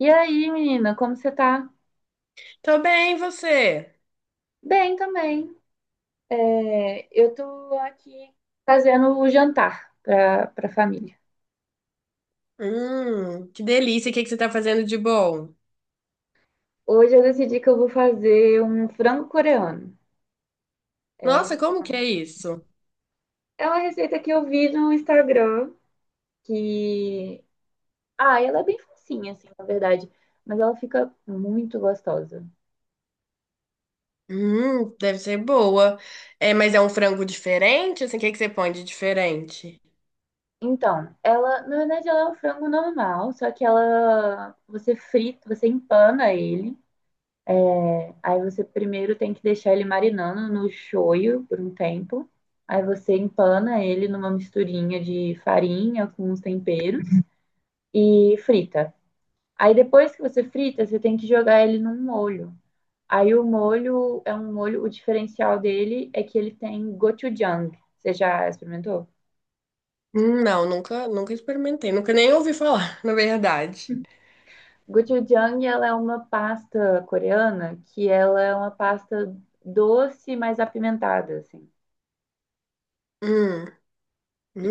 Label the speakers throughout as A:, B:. A: E aí, menina, como você tá?
B: Tô bem, e você?
A: Bem também. Eu tô aqui fazendo o jantar pra família.
B: Que delícia. O que que você tá fazendo de bom?
A: Hoje eu decidi que eu vou fazer um frango coreano. É,
B: Nossa,
A: um-
B: como que é isso?
A: é uma receita que eu vi no Instagram que... Ah, ela é bem facinha, assim, na verdade. Mas ela fica muito gostosa.
B: Deve ser boa. É, mas é um frango diferente? Assim, o que que você põe de diferente?
A: Então, ela, na verdade, ela é um frango normal, só que ela, você frita, você empana ele. Aí você primeiro tem que deixar ele marinando no shoyu por um tempo. Aí você empana ele numa misturinha de farinha com uns temperos e frita. Aí depois que você frita, você tem que jogar ele num molho. Aí o molho é um molho, o diferencial dele é que ele tem gochujang. Você já experimentou?
B: Não, nunca experimentei. Nunca nem ouvi falar, na verdade.
A: Gochujang, ela é uma pasta coreana que ela é uma pasta doce, mas apimentada, assim.
B: Hum,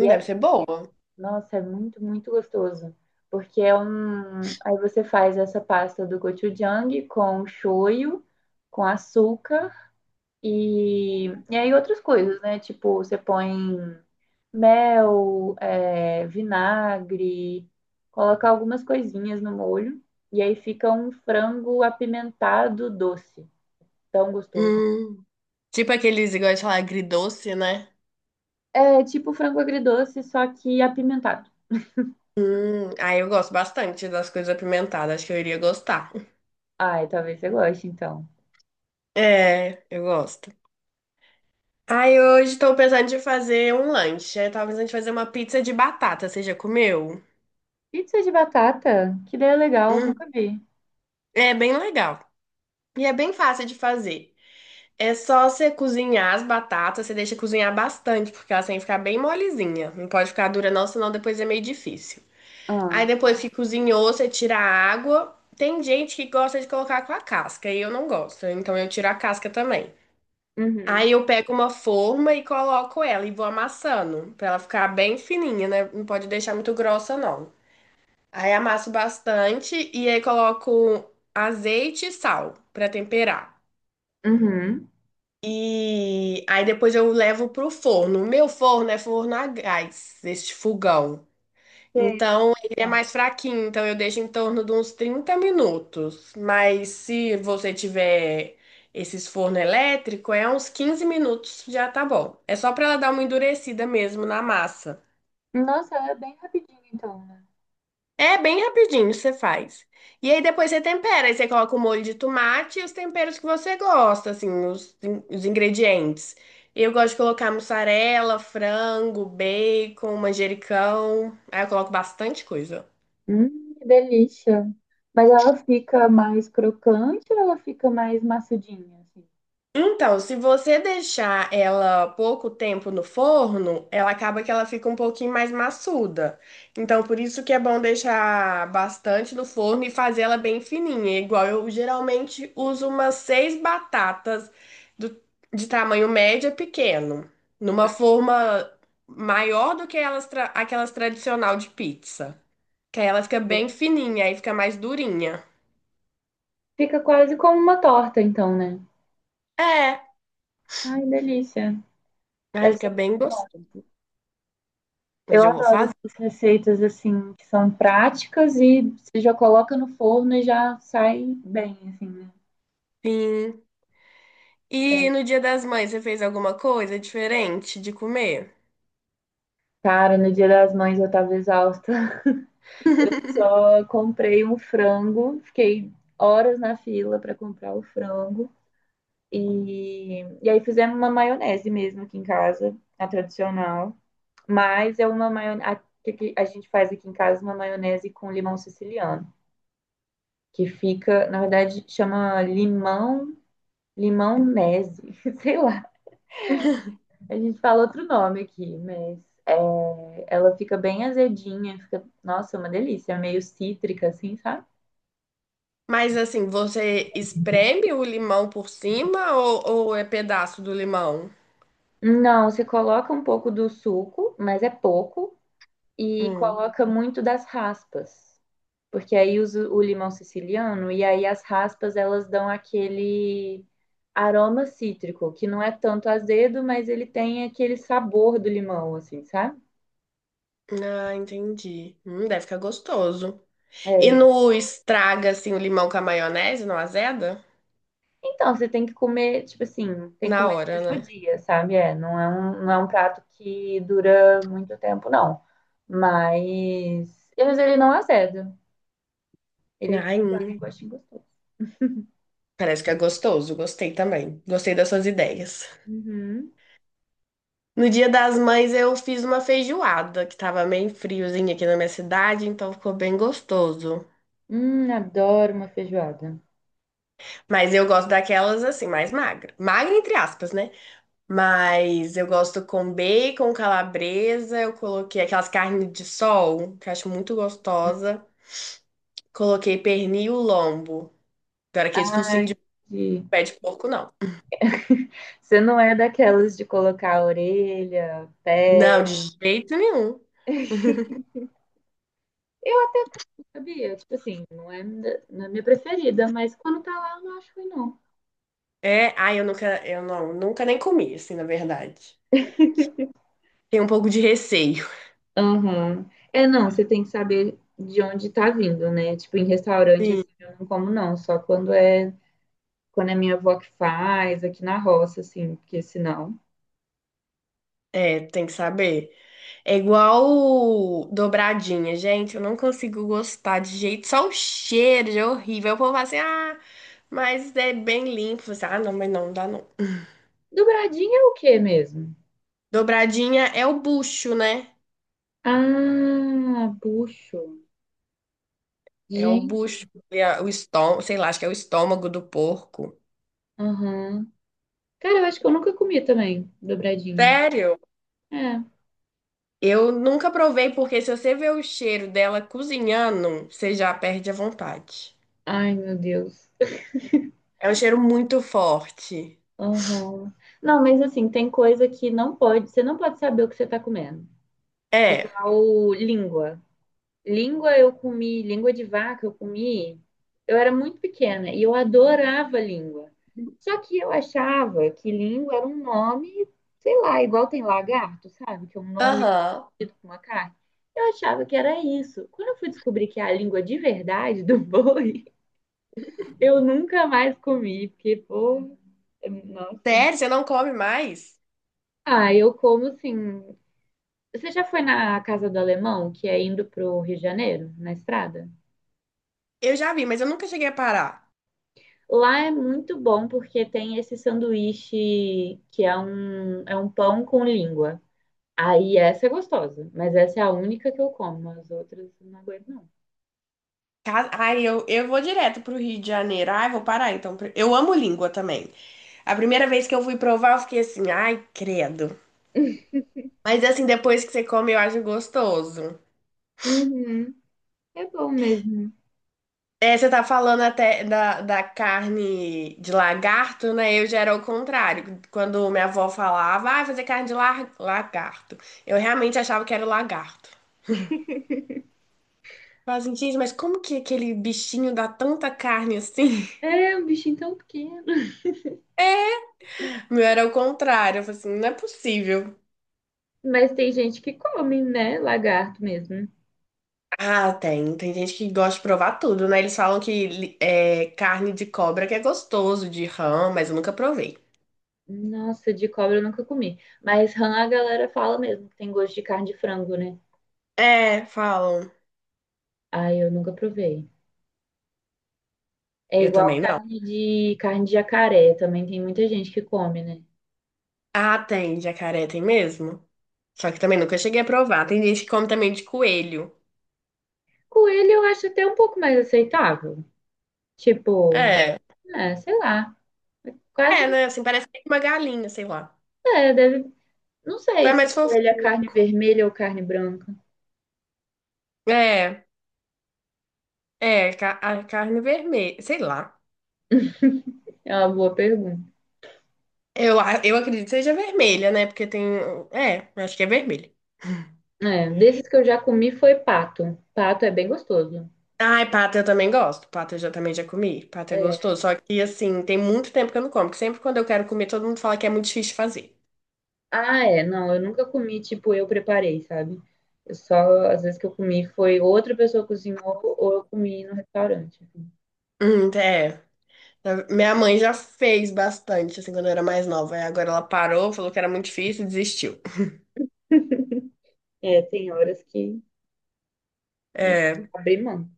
A: E é.
B: deve ser boa.
A: Nossa, é muito, muito gostoso. Porque é um. Aí você faz essa pasta do gochujang com shoyu, com açúcar e aí outras coisas, né? Tipo, você põe mel, vinagre, coloca algumas coisinhas no molho. E aí fica um frango apimentado doce. Tão gostoso.
B: Hum, tipo aqueles, igual de falar, agridoce, né?
A: É tipo frango agridoce, só que apimentado.
B: Aí eu gosto bastante das coisas apimentadas. Acho que eu iria gostar.
A: Ai, talvez você goste, então.
B: É, eu gosto. Ai, hoje estou pensando de fazer um lanche. Eu tava pensando de fazer uma pizza de batata. Você já comeu?
A: Pizza de batata? Que ideia legal,
B: Hum,
A: nunca vi.
B: é bem legal. E é bem fácil de fazer. É só você cozinhar as batatas, você deixa cozinhar bastante, porque elas têm que ficar bem molezinha. Não pode ficar dura não, senão depois é meio difícil. Aí
A: Ah,
B: depois que cozinhou, você tira a água. Tem gente que gosta de colocar com a casca, e eu não gosto, então eu tiro a casca também.
A: uhum,
B: Aí eu pego uma forma e coloco ela e vou amassando, pra ela ficar bem fininha, né? Não pode deixar muito grossa, não. Aí amasso bastante e aí coloco azeite e sal pra temperar.
A: uhum.
B: E aí depois eu levo pro forno. O meu forno é forno a gás, este fogão.
A: Sei, mas
B: Então, ele é
A: é.
B: mais fraquinho, então eu deixo em torno de uns 30 minutos. Mas se você tiver esses forno elétrico, é uns 15 minutos já tá bom. É só para ela dar uma endurecida mesmo na massa.
A: Nossa, ela é bem rapidinho então, né?
B: É bem rapidinho, você faz. E aí depois você tempera, aí você coloca o molho de tomate e os temperos que você gosta, assim, os, os ingredientes. Eu gosto de colocar mussarela, frango, bacon, manjericão. Aí eu coloco bastante coisa.
A: Que delícia. Mas ela fica mais crocante ou ela fica mais maçudinha, assim?
B: Então, se você deixar ela pouco tempo no forno, ela acaba que ela fica um pouquinho mais maçuda. Então, por isso que é bom deixar bastante no forno e fazer ela bem fininha. É igual eu geralmente uso umas seis batatas do- de tamanho médio a pequeno, numa forma maior do que elas aquelas tradicional de pizza. Que aí ela fica bem fininha, aí fica mais durinha.
A: Fica quase como uma torta, então, né?
B: É,
A: Ai, delícia.
B: aí
A: Deve ser
B: fica bem
A: muito bom.
B: gostoso.
A: Eu
B: Hoje eu vou
A: adoro
B: fazer.
A: essas receitas assim, que são práticas e você já coloca no forno e já sai bem, assim, né?
B: Sim. E no Dia das Mães, você fez alguma coisa diferente de comer?
A: Cara, no Dia das Mães eu tava exausta. Eu só comprei um frango, fiquei horas na fila para comprar o frango. E aí fizemos uma maionese mesmo aqui em casa, a tradicional. Mas é uma maionese. A gente faz aqui em casa uma maionese com limão siciliano. Que fica, na verdade, chama limão-nese, sei lá. A gente fala outro nome aqui, mas é, ela fica bem azedinha, fica, nossa, uma delícia, meio cítrica, assim, sabe?
B: Mas assim, você espreme o limão por cima ou, é pedaço do limão?
A: Não, se coloca um pouco do suco, mas é pouco, e
B: Hum.
A: coloca muito das raspas, porque aí usa o limão siciliano e aí as raspas elas dão aquele aroma cítrico, que não é tanto azedo, mas ele tem aquele sabor do limão, assim, sabe?
B: Ah, entendi. Deve ficar gostoso. E
A: É.
B: no estraga assim o limão com a maionese, não azeda?
A: Então, você tem que comer, tipo assim, tem que
B: Na
A: comer no
B: hora,
A: mesmo
B: né?
A: dia, sabe? É, não é não é um prato que dura muito tempo, não. Mas ele não azeda. Ele
B: Ai,
A: fica com
B: hum.
A: gostinho gostoso.
B: Parece que é gostoso. Gostei também. Gostei das suas ideias.
A: Uhum.
B: No Dia das Mães eu fiz uma feijoada que tava meio friozinho aqui na minha cidade, então ficou bem gostoso.
A: Adoro uma feijoada.
B: Mas eu gosto daquelas assim, mais magra. Magra entre aspas, né? Mas eu gosto com bacon, calabresa, eu coloquei aquelas carnes de sol, que eu acho muito gostosa. Coloquei pernil lombo. Não era aquele focinho de
A: E
B: pé de porco, não.
A: você não é daquelas de colocar a orelha,
B: Não,
A: pé.
B: de jeito nenhum.
A: Sabia? Tipo assim, não é, não é minha preferida, mas quando tá lá, eu não acho ruim, não.
B: É, ai, eu nunca, eu não, nunca nem comi, assim, na verdade. Tenho um pouco de receio.
A: Aham. É, não, você tem que saber de onde tá vindo, né? Tipo, em restaurante,
B: Sim.
A: assim, eu não como, não. Só quando é minha avó que faz, aqui na roça, assim, porque senão.
B: É, tem que saber. É igual dobradinha, gente. Eu não consigo gostar de jeito. Só o cheiro já é horrível. O povo fala assim, ah, mas é bem limpo. Você, ah, não, mas não dá não.
A: Dobradinha é o quê mesmo?
B: Dobradinha é o bucho, né?
A: Ah, puxo.
B: É o
A: Gente,
B: bucho, é o estômago, sei lá, acho que é o estômago do porco.
A: aham. Cara, eu acho que eu nunca comi também, dobradinho.
B: Sério?
A: É.
B: Eu nunca provei, porque se você vê o cheiro dela cozinhando, você já perde a vontade.
A: Ai, meu Deus.
B: É um cheiro muito forte.
A: Aham. Não, mas assim, tem coisa que não pode, você não pode saber o que você tá comendo.
B: É.
A: Igual língua. Língua eu comi, língua de vaca eu comi. Eu era muito pequena e eu adorava língua. Só que eu achava que língua era um nome, sei lá, igual tem lagarto, sabe? Que é um nome
B: Aham.
A: parecido com uma carne. Eu achava que era isso. Quando eu fui descobrir que é a língua de verdade do boi, eu nunca mais comi, porque, nossa.
B: Sério, você não come mais?
A: Ah, eu como assim. Você já foi na Casa do Alemão, que é indo pro Rio de Janeiro, na estrada?
B: Eu já vi, mas eu nunca cheguei a parar.
A: Lá é muito bom porque tem esse sanduíche que é é um pão com língua. Aí essa é gostosa, mas essa é a única que eu como, as outras eu não aguento, não.
B: Ai, eu vou direto pro Rio de Janeiro. Ai, vou parar então. Eu amo língua também. A primeira vez que eu fui provar, eu fiquei assim, ai, credo. Mas assim, depois que você come, eu acho gostoso.
A: Uhum. É bom mesmo.
B: É, você tá falando até da, carne de lagarto, né? Eu já era o contrário. Quando minha avó falava, ah, fazer carne de lagarto. Eu realmente achava que era o lagarto. Falava assim, gente, mas como que aquele bichinho dá tanta carne assim?
A: É um bichinho tão pequeno.
B: O meu era o contrário. Eu falei assim, não é possível.
A: Mas tem gente que come, né? Lagarto mesmo.
B: Ah, tem. Tem gente que gosta de provar tudo, né? Eles falam que é carne de cobra que é gostoso, de rã, mas eu nunca provei.
A: Nossa, de cobra eu nunca comi. Mas rã a galera fala mesmo que tem gosto de carne de frango, né?
B: É, falam.
A: Ai, eu nunca provei. É
B: Eu
A: igual
B: também não.
A: carne de jacaré, também tem muita gente que come, né?
B: Ah, tem. Jacaré tem mesmo. Só que também nunca cheguei a provar. Tem gente que come também de coelho.
A: Coelho eu acho até um pouco mais aceitável. Tipo,
B: É.
A: é, sei lá, quase
B: É, né? Assim, parece que é uma galinha, sei lá.
A: não é, deve, não sei
B: É
A: se
B: mais
A: coelho é
B: fofinho.
A: carne vermelha ou carne branca.
B: É, é, a carne vermelha, sei lá.
A: É uma boa pergunta.
B: Eu acredito que seja vermelha, né? Porque tem. É, eu acho que é vermelha.
A: É, desses que eu já comi foi pato. Pato é bem gostoso.
B: Ai, pata eu também gosto. Pata eu já, também já comi. Pata é
A: É,
B: gostoso. Só que, assim, tem muito tempo que eu não como. Porque sempre quando eu quero comer, todo mundo fala que é muito difícil de fazer.
A: ah, é, não, eu nunca comi, tipo, eu preparei, sabe? Eu só, às vezes que eu comi foi outra pessoa cozinhou ou eu comi no restaurante.
B: É. Minha mãe já fez bastante, assim, quando eu era mais nova. Aí agora ela parou, falou que era muito difícil e desistiu.
A: É, tem horas que a gente
B: É.
A: abre mão.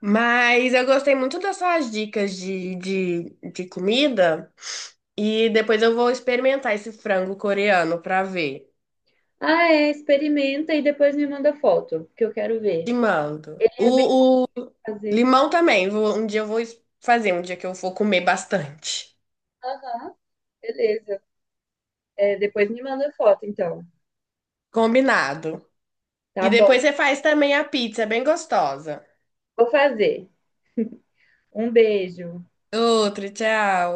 B: Mas eu gostei muito das suas dicas de, comida. E depois eu vou experimentar esse frango coreano pra ver.
A: Ah, é, experimenta e depois me manda foto, que eu quero
B: Te
A: ver.
B: mando.
A: É bem
B: O
A: fazer.
B: limão também. Um dia eu vou fazer, um dia que eu for comer bastante.
A: Aham, beleza. É, depois me manda foto, então.
B: Combinado.
A: Tá
B: E
A: bom,
B: depois você faz também a pizza, é bem gostosa.
A: vou fazer. Um beijo.
B: Outro, tchau.